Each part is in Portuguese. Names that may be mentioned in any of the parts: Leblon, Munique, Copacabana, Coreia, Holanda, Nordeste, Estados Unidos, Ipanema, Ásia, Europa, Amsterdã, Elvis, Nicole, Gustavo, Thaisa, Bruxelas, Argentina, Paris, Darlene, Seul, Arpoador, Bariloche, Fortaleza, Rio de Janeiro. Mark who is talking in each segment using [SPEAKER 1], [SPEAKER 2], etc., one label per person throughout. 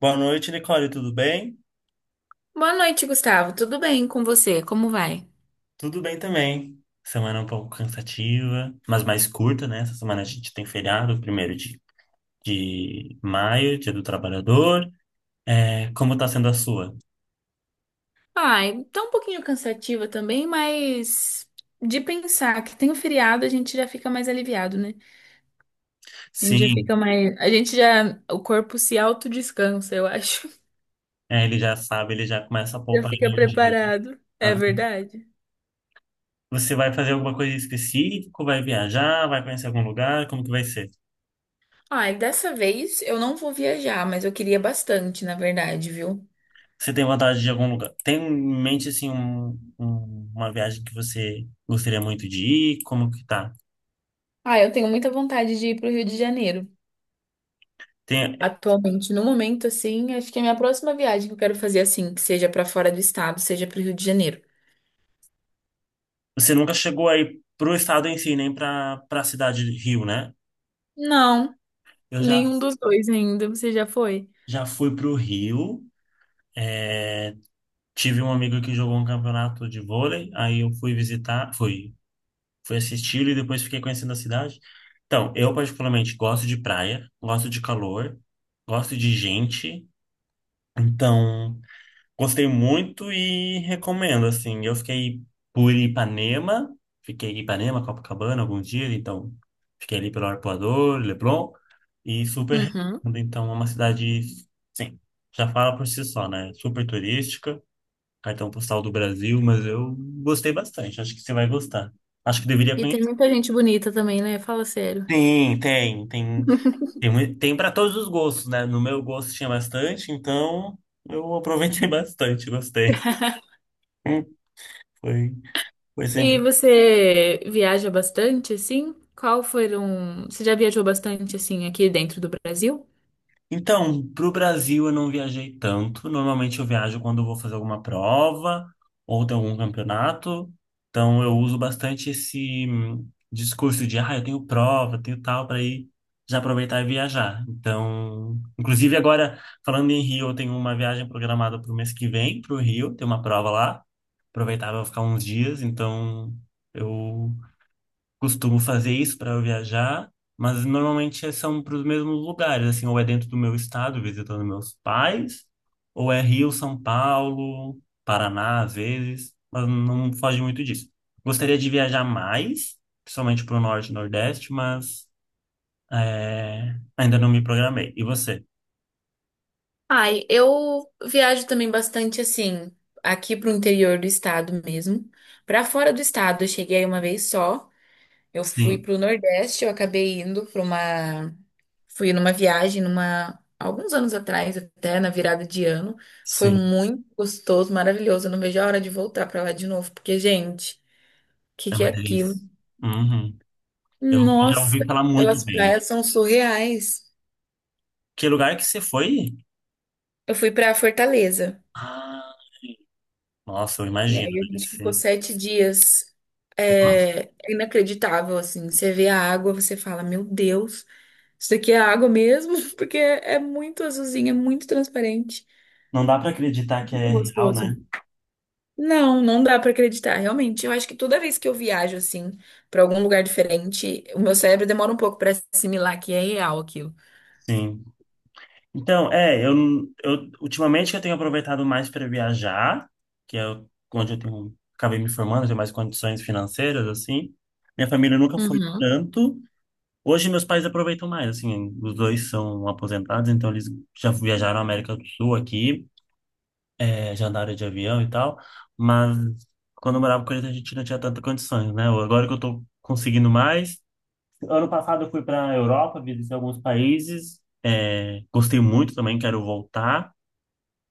[SPEAKER 1] Boa noite, Nicole, tudo bem?
[SPEAKER 2] Boa noite, Gustavo. Tudo bem com você? Como vai?
[SPEAKER 1] Tudo bem também. Semana um pouco cansativa, mas mais curta, né? Essa semana a gente tem feriado, primeiro de maio, Dia do Trabalhador. É, como tá sendo a sua?
[SPEAKER 2] Ai, tá um pouquinho cansativa também, mas de pensar que tem o feriado, a gente já fica mais aliviado, né? A gente já fica
[SPEAKER 1] Sim,
[SPEAKER 2] mais. A gente já. O corpo se autodescansa, eu acho.
[SPEAKER 1] é, ele já sabe, ele já começa a
[SPEAKER 2] Já
[SPEAKER 1] poupar
[SPEAKER 2] fica
[SPEAKER 1] energia.
[SPEAKER 2] preparado. É
[SPEAKER 1] Ah,
[SPEAKER 2] verdade?
[SPEAKER 1] você vai fazer alguma coisa específica? Vai viajar? Vai conhecer algum lugar? Como que vai ser?
[SPEAKER 2] Ai, dessa vez eu não vou viajar, mas eu queria bastante, na verdade, viu?
[SPEAKER 1] Você tem vontade de algum lugar? Tem em mente, assim, uma viagem que você gostaria muito de ir? Como que tá?
[SPEAKER 2] Ai, eu tenho muita vontade de ir pro Rio de Janeiro.
[SPEAKER 1] Tem.
[SPEAKER 2] Atualmente, no momento, assim, acho que a minha próxima viagem que eu quero fazer, assim, que seja pra fora do estado, seja pro Rio de Janeiro.
[SPEAKER 1] Você nunca chegou aí pro estado em si, nem pra cidade de Rio, né?
[SPEAKER 2] Não,
[SPEAKER 1] Eu já,
[SPEAKER 2] nenhum dos dois ainda. Você já foi?
[SPEAKER 1] Já fui pro Rio. É, tive um amigo que jogou um campeonato de vôlei. Aí eu fui visitar, fui assistir e depois fiquei conhecendo a cidade. Então, eu particularmente gosto de praia, gosto de calor, gosto de gente. Então. Gostei muito e recomendo, assim. Eu por Ipanema, fiquei em Ipanema, Copacabana alguns dias, então fiquei ali pelo Arpoador, Leblon, e super
[SPEAKER 2] Uhum.
[SPEAKER 1] recomendo. Então, é uma cidade, sim, já fala por si só, né? Super turística, cartão postal do Brasil, mas eu gostei bastante, acho que você vai gostar. Acho que deveria
[SPEAKER 2] E tem
[SPEAKER 1] conhecer.
[SPEAKER 2] muita gente bonita também, né? Fala sério.
[SPEAKER 1] Sim, tem, tem para todos os gostos, né? No meu gosto tinha bastante, então eu aproveitei bastante, gostei. Hum. Foi. Por
[SPEAKER 2] E
[SPEAKER 1] exemplo,
[SPEAKER 2] você viaja bastante, assim? Você já viajou bastante, assim, aqui dentro do Brasil?
[SPEAKER 1] então, para o Brasil eu não viajei tanto. Normalmente eu viajo quando eu vou fazer alguma prova ou tem algum campeonato. Então eu uso bastante esse discurso de, ah, eu tenho prova, eu tenho tal, para ir já aproveitar e viajar. Então, inclusive agora, falando em Rio, eu tenho uma viagem programada para o mês que vem, para o Rio, tem uma prova lá. Aproveitar para ficar uns dias, então eu costumo fazer isso para viajar, mas normalmente são para os mesmos lugares, assim, ou é dentro do meu estado, visitando meus pais, ou é Rio, São Paulo, Paraná, às vezes, mas não foge muito disso. Gostaria de viajar mais, principalmente para o Norte e Nordeste, mas é, ainda não me programei. E você?
[SPEAKER 2] Ai, eu viajo também bastante assim, aqui pro interior do estado mesmo. Pra fora do estado, eu cheguei uma vez só. Eu fui
[SPEAKER 1] Sim,
[SPEAKER 2] pro Nordeste, eu acabei indo pra uma. Fui numa viagem, numa alguns anos atrás, até na virada de ano. Foi
[SPEAKER 1] sim,
[SPEAKER 2] muito gostoso, maravilhoso. Eu não vejo a hora de voltar pra lá de novo, porque, gente, o que
[SPEAKER 1] é
[SPEAKER 2] que é
[SPEAKER 1] uma
[SPEAKER 2] aquilo?
[SPEAKER 1] delícia. Uhum. Eu já
[SPEAKER 2] Nossa,
[SPEAKER 1] ouvi falar muito
[SPEAKER 2] aquelas
[SPEAKER 1] bem.
[SPEAKER 2] praias são surreais.
[SPEAKER 1] Que lugar que você foi?
[SPEAKER 2] Eu fui pra Fortaleza
[SPEAKER 1] Ah, nossa, eu
[SPEAKER 2] e
[SPEAKER 1] imagino,
[SPEAKER 2] aí a
[SPEAKER 1] deve
[SPEAKER 2] gente ficou
[SPEAKER 1] ser.
[SPEAKER 2] 7 dias. É inacreditável, assim. Você vê a água, você fala, meu Deus, isso daqui é água mesmo? Porque é muito azulzinha, é muito transparente.
[SPEAKER 1] Não dá para acreditar que
[SPEAKER 2] Muito
[SPEAKER 1] é real,
[SPEAKER 2] gostoso.
[SPEAKER 1] né?
[SPEAKER 2] Não, não dá pra acreditar, realmente. Eu acho que toda vez que eu viajo assim pra algum lugar diferente, o meu cérebro demora um pouco pra assimilar que é real aquilo.
[SPEAKER 1] Sim. Então, é, eu ultimamente que eu tenho aproveitado mais para viajar, que é o- onde eu tenho, acabei me formando, tenho mais condições financeiras, assim. Minha família nunca foi
[SPEAKER 2] Uhum.
[SPEAKER 1] tanto. Hoje meus pais aproveitam mais, assim, os dois são aposentados, então eles já viajaram à América do Sul aqui, é, já andaram de avião e tal, mas quando eu morava com eles a gente não tinha tanta condições, né? Agora que eu tô conseguindo mais, ano passado eu fui para a Europa, visitei alguns países, é, gostei muito também, quero voltar.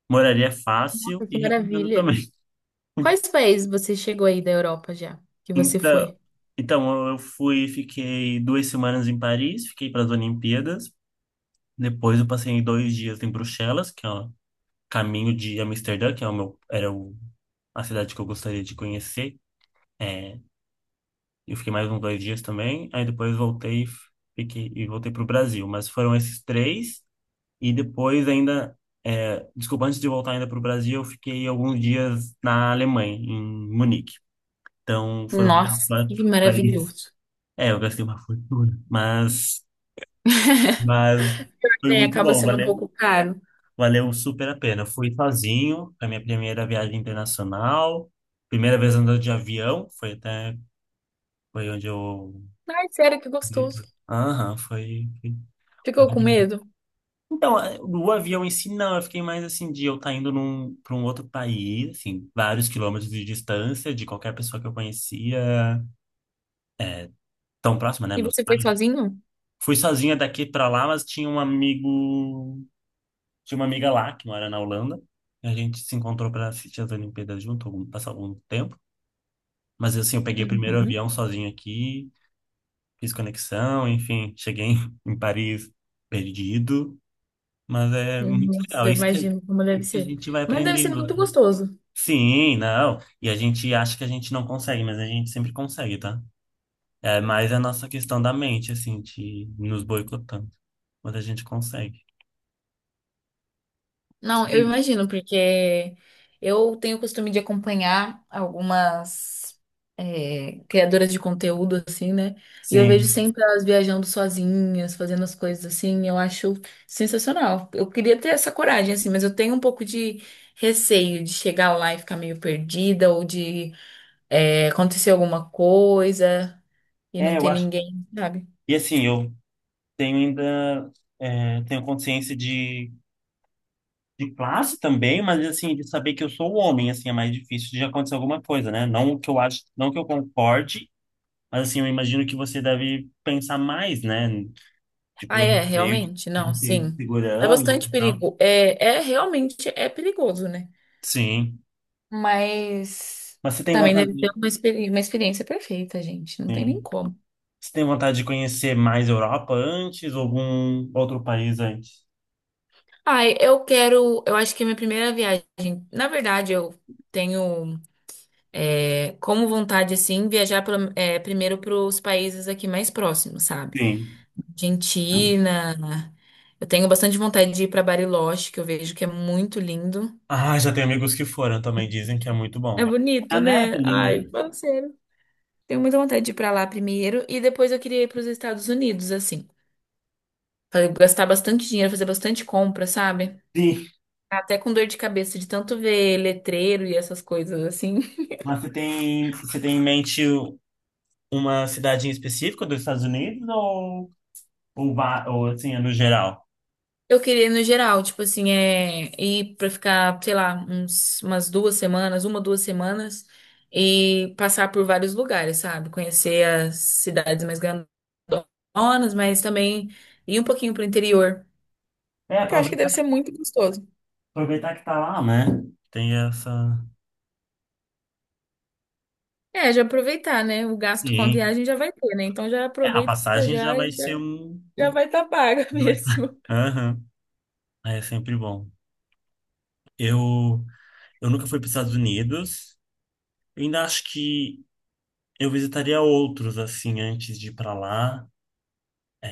[SPEAKER 1] Moraria fácil
[SPEAKER 2] Nossa, que
[SPEAKER 1] e recomendo
[SPEAKER 2] maravilha.
[SPEAKER 1] também.
[SPEAKER 2] Quais países você chegou aí da Europa já? Que você
[SPEAKER 1] Então,
[SPEAKER 2] foi?
[SPEAKER 1] então eu fui, fiquei 2 semanas em Paris, fiquei para as Olimpíadas. Depois eu passei 2 dias em Bruxelas, que é o caminho de Amsterdã, que é o meu, era o, a cidade que eu gostaria de conhecer. É, eu fiquei mais uns 2 dias também. Aí depois voltei, e fiquei e voltei para o Brasil. Mas foram esses três. E depois ainda, é, desculpa, antes de voltar ainda para o Brasil, eu fiquei alguns dias na Alemanha, em Munique. Então foram
[SPEAKER 2] Nossa, que
[SPEAKER 1] quatro países.
[SPEAKER 2] maravilhoso.
[SPEAKER 1] É, eu gastei uma fortuna, mas foi
[SPEAKER 2] É,
[SPEAKER 1] muito
[SPEAKER 2] acaba
[SPEAKER 1] bom,
[SPEAKER 2] sendo um pouco caro.
[SPEAKER 1] valeu super a pena. Eu fui sozinho, foi a minha primeira viagem internacional, primeira vez andando de avião, foi onde eu...
[SPEAKER 2] Ai, sério, que gostoso.
[SPEAKER 1] Aham, foi.
[SPEAKER 2] Ficou com medo?
[SPEAKER 1] Então, o avião em si, não. Eu fiquei mais assim de eu estar indo para um outro país, assim, vários quilômetros de distância de qualquer pessoa que eu conhecia, tão próxima, né,
[SPEAKER 2] E
[SPEAKER 1] meus
[SPEAKER 2] você
[SPEAKER 1] pais.
[SPEAKER 2] foi sozinho?
[SPEAKER 1] Fui sozinha daqui para lá, mas tinha uma amiga lá que mora na Holanda. E a gente se encontrou para assistir as Olimpíadas junto, passar algum tempo. Mas assim, eu peguei o primeiro
[SPEAKER 2] Uhum.
[SPEAKER 1] avião sozinho aqui, fiz conexão, enfim, cheguei em Paris perdido, mas é muito
[SPEAKER 2] Nossa,
[SPEAKER 1] legal.
[SPEAKER 2] eu imagino como deve
[SPEAKER 1] Isso que a
[SPEAKER 2] ser.
[SPEAKER 1] gente vai
[SPEAKER 2] Mas deve ser
[SPEAKER 1] aprendendo.
[SPEAKER 2] muito gostoso.
[SPEAKER 1] Sim, não. E a gente acha que a gente não consegue, mas a gente sempre consegue, tá? É mais a nossa questão da mente, assim, de nos boicotando. Mas a gente consegue.
[SPEAKER 2] Não, eu
[SPEAKER 1] Sim.
[SPEAKER 2] imagino, porque eu tenho o costume de acompanhar algumas criadoras de conteúdo, assim, né? E eu vejo
[SPEAKER 1] Sim.
[SPEAKER 2] sempre elas viajando sozinhas, fazendo as coisas assim, eu acho sensacional. Eu queria ter essa coragem, assim, mas eu tenho um pouco de receio de chegar lá e ficar meio perdida, ou de acontecer alguma coisa e não
[SPEAKER 1] É, eu
[SPEAKER 2] ter
[SPEAKER 1] acho.
[SPEAKER 2] ninguém, sabe?
[SPEAKER 1] E assim, eu tenho ainda. É, tenho consciência de classe também, mas assim, de saber que eu sou homem, assim, é mais difícil de acontecer alguma coisa, né? Não que eu acho, não que eu concorde, mas assim, eu imagino que você deve pensar mais, né?
[SPEAKER 2] Ah,
[SPEAKER 1] Tipo, eu
[SPEAKER 2] é, realmente? Não,
[SPEAKER 1] receio de
[SPEAKER 2] sim. É
[SPEAKER 1] segurança
[SPEAKER 2] bastante
[SPEAKER 1] e tal.
[SPEAKER 2] perigo. É, é realmente é perigoso, né?
[SPEAKER 1] Sim.
[SPEAKER 2] Mas
[SPEAKER 1] Mas você tem
[SPEAKER 2] também
[SPEAKER 1] vontade
[SPEAKER 2] deve ter
[SPEAKER 1] de,
[SPEAKER 2] uma, uma experiência perfeita, gente. Não tem nem
[SPEAKER 1] sim.
[SPEAKER 2] como.
[SPEAKER 1] Você tem vontade de conhecer mais Europa antes ou algum outro país antes?
[SPEAKER 2] Ai, eu quero. Eu acho que é minha primeira viagem. Na verdade, eu tenho como vontade, assim, viajar primeiro para os países aqui mais próximos, sabe?
[SPEAKER 1] Sim.
[SPEAKER 2] Argentina. Eu tenho bastante vontade de ir para Bariloche, que eu vejo que é muito lindo.
[SPEAKER 1] Ah, já tem amigos que foram também, dizem que é muito
[SPEAKER 2] É
[SPEAKER 1] bom. A
[SPEAKER 2] bonito,
[SPEAKER 1] neve
[SPEAKER 2] né?
[SPEAKER 1] ali,
[SPEAKER 2] Ai,
[SPEAKER 1] né?
[SPEAKER 2] parceiro. Tenho muita vontade de ir pra lá primeiro. E depois eu queria ir para os Estados Unidos, assim. Falei, gastar bastante dinheiro, fazer bastante compra, sabe?
[SPEAKER 1] Sim.
[SPEAKER 2] Até com dor de cabeça de tanto ver letreiro e essas coisas assim.
[SPEAKER 1] Mas você tem em mente uma cidade em específico dos Estados Unidos ou, ou assim, é no geral?
[SPEAKER 2] Eu queria no geral, tipo assim, ir pra ficar, sei lá, umas 2 semanas, 2 semanas e passar por vários lugares, sabe? Conhecer as cidades mais grandonas, mas também ir um pouquinho pro interior,
[SPEAKER 1] É,
[SPEAKER 2] que eu acho que deve ser muito gostoso.
[SPEAKER 1] aproveitar que tá lá, né? Tem essa.
[SPEAKER 2] É, já aproveitar, né? O gasto com a
[SPEAKER 1] Sim.
[SPEAKER 2] viagem já vai ter, né? Então já
[SPEAKER 1] É, a
[SPEAKER 2] aproveita
[SPEAKER 1] passagem já
[SPEAKER 2] já e
[SPEAKER 1] vai ser
[SPEAKER 2] já,
[SPEAKER 1] um...
[SPEAKER 2] já vai estar tá paga
[SPEAKER 1] já vai tá-
[SPEAKER 2] mesmo.
[SPEAKER 1] Aham. É sempre bom. Eu. Eu nunca fui para os Estados Unidos. Eu ainda acho que eu visitaria outros, assim, antes de ir para lá.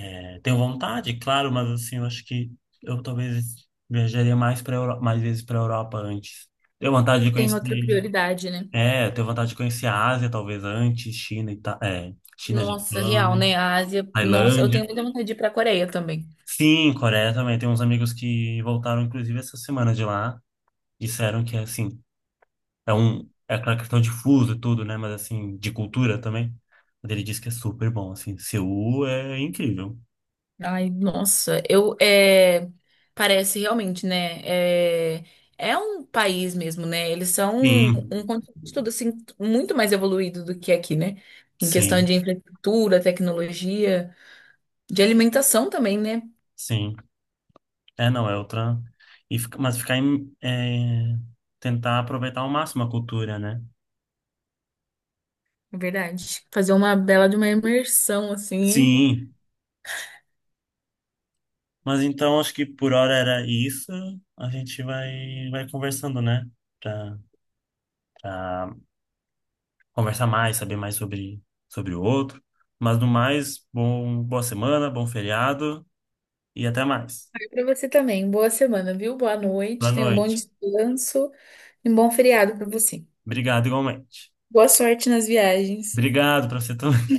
[SPEAKER 1] É, tenho vontade, claro, mas, assim, eu acho que eu talvez viajaria mais, mais vezes para a Europa antes. Tenho vontade de
[SPEAKER 2] Tem outra
[SPEAKER 1] conhecer.
[SPEAKER 2] prioridade, né?
[SPEAKER 1] É, tenho vontade de conhecer a Ásia, talvez antes, China,
[SPEAKER 2] Nossa, real,
[SPEAKER 1] Japão,
[SPEAKER 2] né? A Ásia, nossa, eu
[SPEAKER 1] Tailândia.
[SPEAKER 2] tenho muita vontade de ir pra Coreia também.
[SPEAKER 1] Sim, Coreia também. Tem uns amigos que voltaram, inclusive, essa semana de lá. Disseram que, assim, É um, é aquela questão de fuso e tudo, né? Mas assim, de cultura também. Mas ele diz que é super bom, assim. Seul é incrível.
[SPEAKER 2] Ai, nossa, parece realmente, né? É, é um país mesmo, né? Eles são um
[SPEAKER 1] Sim,
[SPEAKER 2] continente todo assim muito mais evoluído do que aqui, né? Em questão
[SPEAKER 1] sim,
[SPEAKER 2] de infraestrutura, tecnologia, de alimentação também, né?
[SPEAKER 1] sim. É, não, é outra. E, tentar aproveitar ao máximo a cultura, né?
[SPEAKER 2] É verdade. Fazer uma bela de uma imersão assim, hein?
[SPEAKER 1] Sim. Mas então acho que por hora era isso. A gente vai conversando, né? Pra, Pra conversar mais, saber mais sobre o outro. Mas no mais, bom, boa semana, bom feriado e até mais.
[SPEAKER 2] E pra você também. Boa semana, viu? Boa
[SPEAKER 1] Boa
[SPEAKER 2] noite. Tenha um bom
[SPEAKER 1] noite.
[SPEAKER 2] descanso e um bom feriado pra você.
[SPEAKER 1] Obrigado, igualmente.
[SPEAKER 2] Boa sorte nas viagens.
[SPEAKER 1] Obrigado para você também.